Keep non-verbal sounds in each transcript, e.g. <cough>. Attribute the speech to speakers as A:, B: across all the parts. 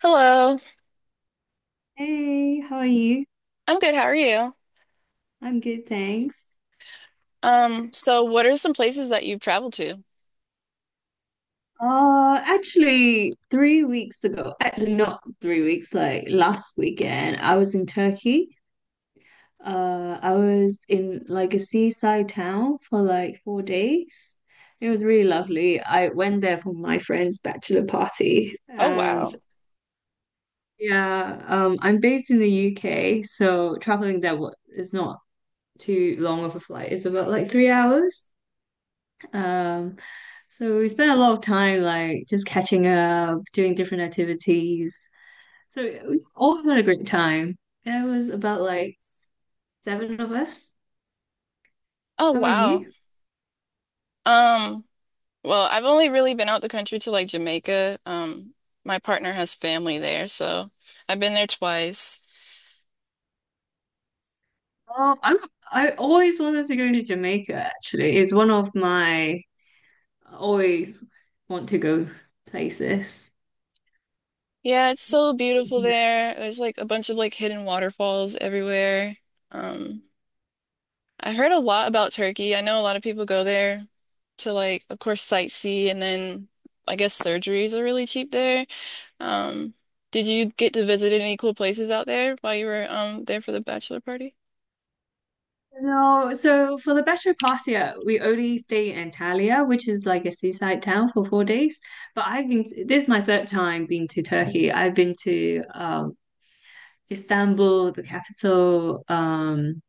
A: Hello.
B: Hey, how are you?
A: I'm good. How are you?
B: I'm good, thanks.
A: So what are some places that you've traveled to?
B: Actually, 3 weeks ago, actually not 3 weeks, like last weekend, I was in Turkey. I was in like a seaside town for like 4 days. It was really lovely. I went there for my friend's bachelor party,
A: Oh
B: and
A: wow.
B: yeah, I'm based in the UK, so traveling there is not too long of a flight. It's about like 3 hours. Um, so we spent a lot of time like just catching up, doing different activities. So we all had a great time. There was about like seven of us.
A: Oh
B: How about
A: wow.
B: you?
A: Um, well, I've only really been out the country to like Jamaica. My partner has family there, so I've been there twice.
B: Oh, I always wanted to go to Jamaica actually. It's one of my always want to go places.
A: Yeah, it's so beautiful there. There's like a bunch of like hidden waterfalls everywhere. Um, I heard a lot about Turkey. I know a lot of people go there to like, of course, sightsee and then I guess surgeries are really cheap there. Um, did you get to visit any cool places out there while you were there for the bachelor party?
B: No, so for the better part year, we only stay in Antalya, which is like a seaside town for 4 days. But I've been this is my third time being to Turkey. I've been to Istanbul, the capital,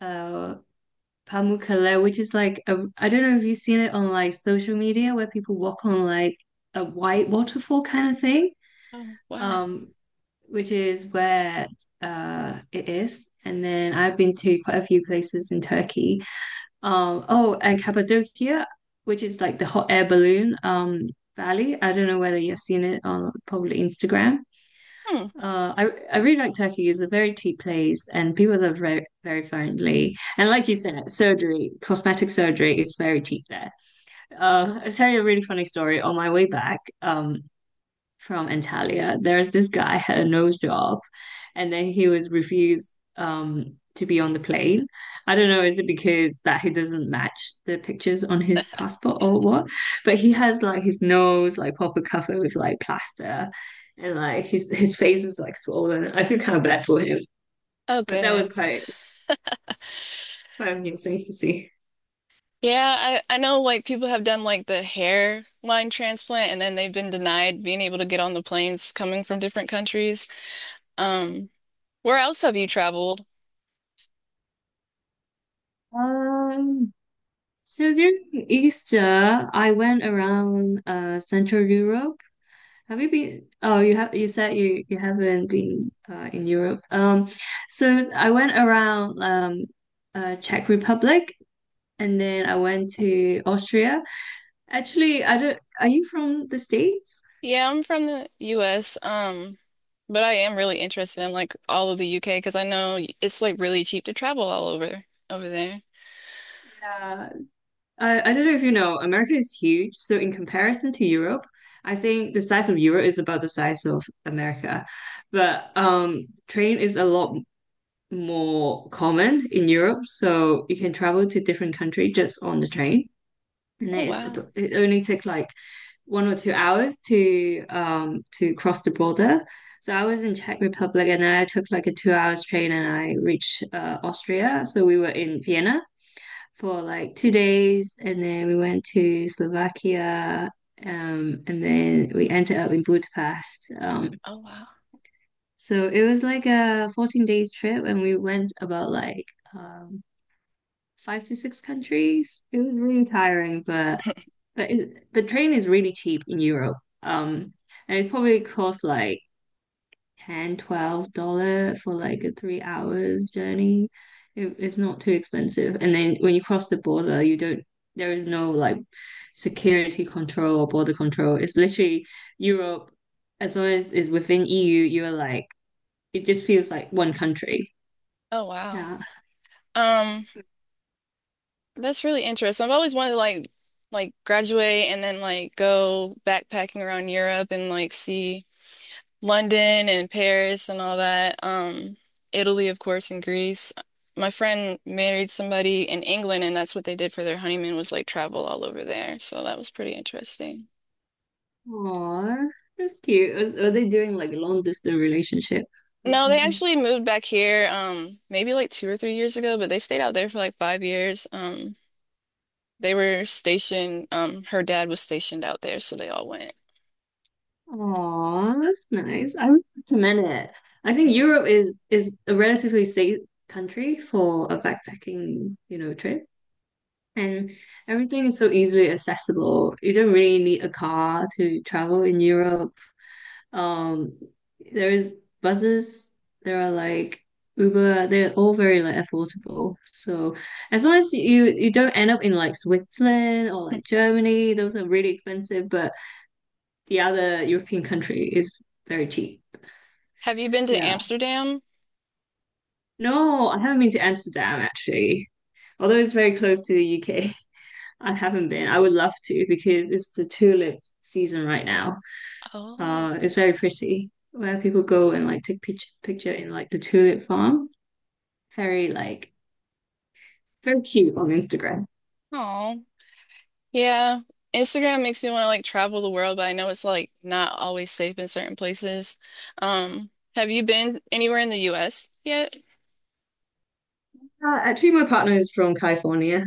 B: uh, Pamukkale, which is like a, I don't know if you've seen it on like social media where people walk on like a white waterfall kind of thing,
A: Oh, wow.
B: um, which is where it is. And then I've been to quite a few places in Turkey. Oh, and Cappadocia, which is like the hot air balloon valley. I don't know whether you've seen it on probably Instagram.
A: Hmm.
B: I really like Turkey. It's a very cheap place, and people are very friendly. And like you said, surgery, cosmetic surgery is very cheap there. I'll tell you a really funny story. On my way back, from Antalya. There's this guy had a nose job, and then he was refused to be on the plane. I don't know, is it because that he doesn't match the pictures on his passport or what? But he has like his nose like proper covered with like plaster, and like his face was like swollen. I feel kind of bad for him,
A: Oh
B: but that was
A: goodness.
B: quite amusing to see.
A: Yeah, I know like people have done like the hair line transplant and then they've been denied being able to get on the planes coming from different countries. Um, where else have you traveled?
B: Um. So during Easter, I went around Central Europe. Have you been? Oh, you have. You said you haven't been in Europe. So I went around Czech Republic, and then I went to Austria. Actually, I don't. Are you from the States?
A: Yeah, I'm from the US. But I am really interested in like all of the UK because I know it's like really cheap to travel all over there.
B: Yeah. I don't know if you know. America is huge, so in comparison to Europe, I think the size of Europe is about the size of America, but train is a lot more common in Europe, so you can travel to different countries just on the train. and
A: Oh
B: it is
A: wow.
B: it only took like 1 or 2 hours to cross the border. So I was in Czech Republic and then I took like a 2 hours train and I reached Austria. So we were in Vienna for like 2 days and then we went to Slovakia and then we ended up in Budapest.
A: Oh wow.
B: So it was like a 14 days trip and we went about like um 5 to 6 countries. It was really tiring, but the train is really cheap in Europe. Um, and it probably costs like $10 for like a 3 hours journey. It's not too expensive. And then when you cross the border, you don't, there is no like security control or border control. It's literally Europe, as long as it's within EU, you're like, it just feels like one country.
A: Oh wow.
B: Yeah.
A: Um, that's really interesting. I've always wanted to like graduate and then like go backpacking around Europe and like see London and Paris and all that. Italy, of course, and Greece. My friend married somebody in England and that's what they did for their honeymoon was like travel all over there. So that was pretty interesting.
B: Aww, that's cute. Are they doing like long distance relationship or
A: No, they
B: something?
A: actually moved back here maybe like 2 or 3 years ago, but they stayed out there for like 5 years. They were stationed, her dad was stationed out there, so they all went.
B: Oh, that's nice. I would recommend it. I think
A: Mm-mm.
B: Europe is a relatively safe country for a backpacking, you know, trip. And everything is so easily accessible. You don't really need a car to travel in Europe. Um, there's buses, there are like Uber, they're all very like affordable. So as long as you don't end up in like Switzerland or like
A: <laughs>
B: Germany, those are really expensive, but the other European country is very cheap.
A: Have you been to
B: Yeah.
A: Amsterdam?
B: No, I haven't been to Amsterdam actually. Although it's very close to the UK, <laughs> I haven't been. I would love to because it's the tulip season right now.
A: Oh,
B: It's very pretty where people go and like take picture in like the tulip farm. Very like very cute on Instagram.
A: oh, yeah. Instagram makes me want to like travel the world, but I know it's like not always safe in certain places. Um, have you been anywhere in the US yet?
B: Actually, my partner is from California,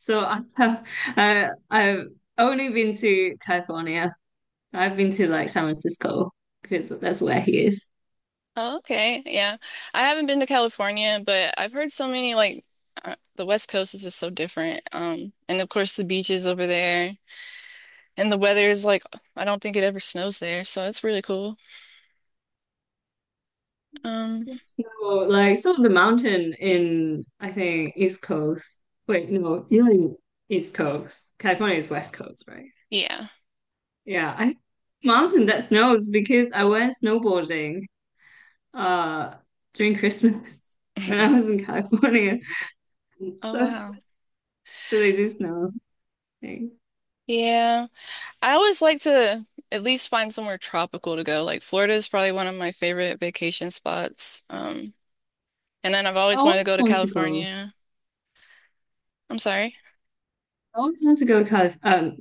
B: so <laughs> I've only been to California. I've been to like San Francisco because that's where he is.
A: Oh, okay. Yeah. I haven't been to California, but I've heard so many like the West Coast is just so different. And of course the beaches over there and the weather is like I don't think it ever snows there, so it's really cool. Um,
B: So, so the mountain in, I think, East Coast. Wait, no, you're in East Coast. California is West Coast, right?
A: yeah. <laughs>
B: Yeah, I mountain that snows because I went snowboarding uh during Christmas <laughs> when I was in California. <laughs>
A: Oh
B: So,
A: wow.
B: so they do snow thing.
A: Yeah. I always like to at least find somewhere tropical to go. Like Florida is probably one of my favorite vacation spots. And then I've
B: I
A: always wanted to go
B: always
A: to
B: want to go.
A: California. I'm sorry.
B: I always want to go to Calif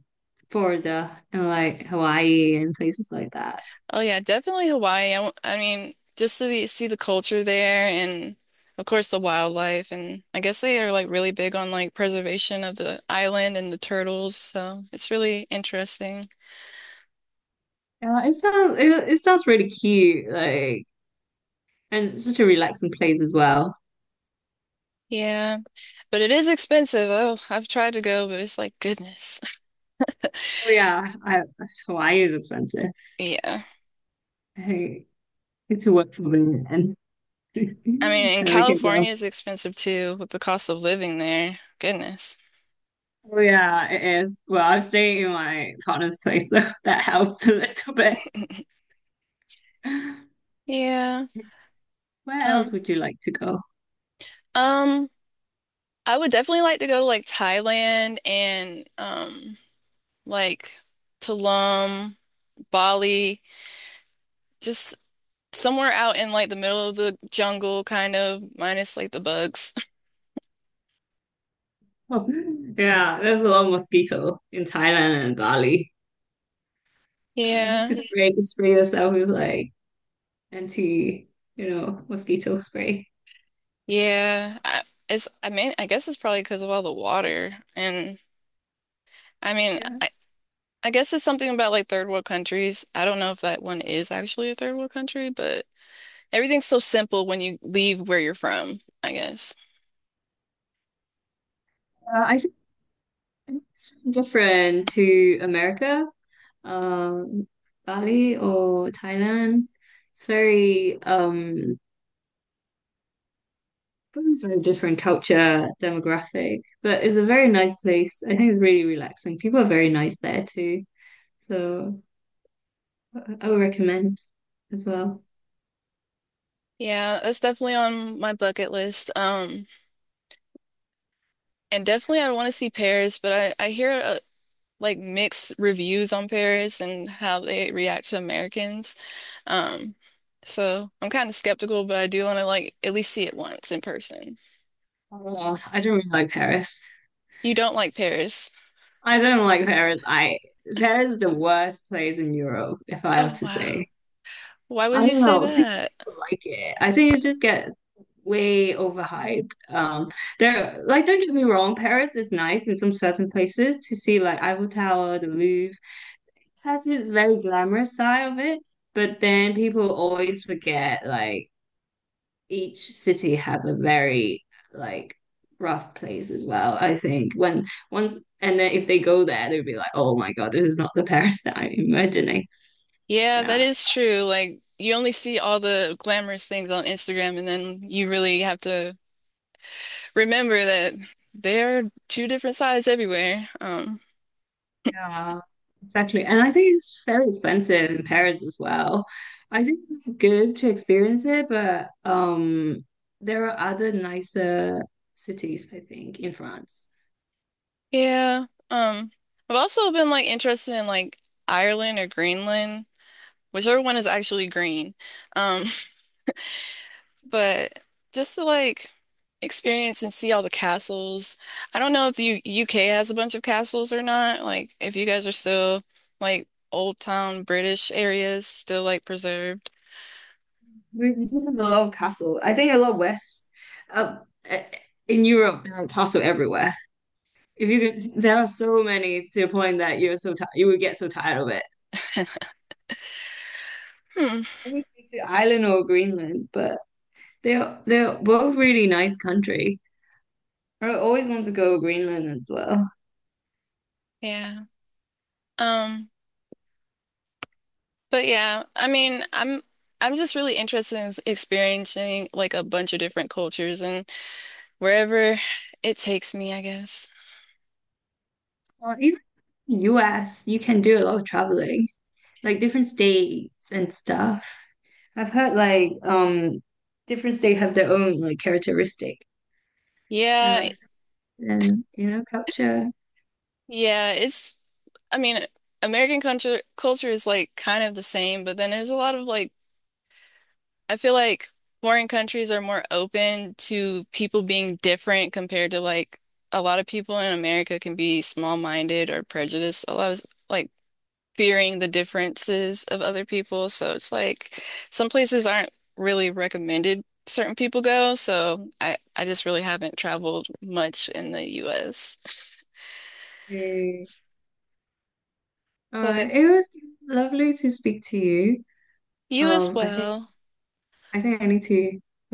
B: Florida and like Hawaii and places like that.
A: Oh yeah, definitely Hawaii. I mean, just to see the culture there and of course the wildlife and I guess they are like really big on like preservation of the island and the turtles, so it's really interesting.
B: Yeah, it sounds really cute. Like. And such a relaxing place as well.
A: Yeah, but it is expensive. Oh, I've tried to go, but it's like goodness. <laughs>
B: Oh yeah, I, Hawaii is expensive.
A: Yeah.
B: I need to work for it, and
A: I mean,
B: <laughs>
A: and
B: there we can go.
A: California is expensive too with the cost of living there. Goodness.
B: Oh yeah, it is. Well, I'm staying in my partner's place, so <laughs> that helps a little bit. Where
A: Yeah.
B: else
A: Um,
B: would you like to go?
A: um, I would definitely like to go to like Thailand and like Tulum, Bali, just somewhere out in like the middle of the jungle, kind of, minus like the bugs. <laughs>
B: <laughs> yeah, there's a lot of mosquito in Thailand and Bali. It's
A: Yeah,
B: just spray yourself with like anti, you know, mosquito spray.
A: yeah. I mean, I guess it's probably because of all the water. And I mean,
B: Yeah,
A: I guess it's something about like third world countries. I don't know if that one is actually a third world country, but everything's so simple when you leave where you're from, I guess.
B: I think it's different to America. um, Bali or Thailand. It's very um, it's a very different culture, demographic, but it's a very nice place. I think it's really relaxing. People are very nice there too, so I would recommend as well.
A: Yeah, that's definitely on my bucket list. And definitely I want to see Paris, but I hear like mixed reviews on Paris and how they react to Americans. Um, so I'm kind of skeptical, but I do want to like at least see it once in person.
B: Oh, I don't really like Paris.
A: You don't like Paris.
B: I don't like Paris. I Paris is the worst place in Europe, if I have
A: Oh
B: to
A: wow.
B: say.
A: Why would
B: I
A: you
B: don't
A: say
B: know. <laughs> These
A: that?
B: People like it. I think it just gets way overhyped. There, like, don't get me wrong, Paris is nice in some certain places to see, like Eiffel Tower, the Louvre. It has this very glamorous side of it, but then people always forget, like, each city have a very like rough place as well. I think when once and then if they go there, they'll be like, oh my God, this is not the Paris that I'm imagining.
A: Yeah, that
B: Yeah.
A: is true. Like you only see all the glamorous things on Instagram and then you really have to remember that there are two different sides everywhere.
B: Yeah, exactly. And I think it's very expensive in Paris as well. I think it's good to experience it, but there are other nicer cities, I think, in France.
A: Yeah. I've also been like interested in like Ireland or Greenland, whichever one is actually green. Um, <laughs> but just to like experience and see all the castles. I don't know if the U UK has a bunch of castles or not. Like if you guys are still like old town British areas still like preserved.
B: We do have a lot of castle. I think a lot west, uh, eh, in Europe, there are castle everywhere. If you could, there are so many to a point that you're so tired, you would get so tired of it.
A: Hmm.
B: I to Ireland or Greenland, but they're both really nice country. I always want to go to Greenland as well.
A: Yeah. Um, but yeah, I mean, I'm just really interested in experiencing like a bunch of different cultures and wherever it takes me, I guess.
B: Or even US, you can do a lot of traveling, like different states and stuff. I've heard like different states have their own like characteristic and
A: Yeah,
B: culture.
A: yeah, it's I mean, American culture is like kind of the same, but then there's a lot of like I feel like foreign countries are more open to people being different compared to like a lot of people in America can be small-minded or prejudiced. A lot of like fearing the differences of other people, so it's like some places aren't really recommended certain people go, so I just really haven't traveled much in the US.
B: Okay. All right.
A: But
B: It was lovely to speak to you.
A: you as
B: Um, I think
A: well.
B: I think I need to.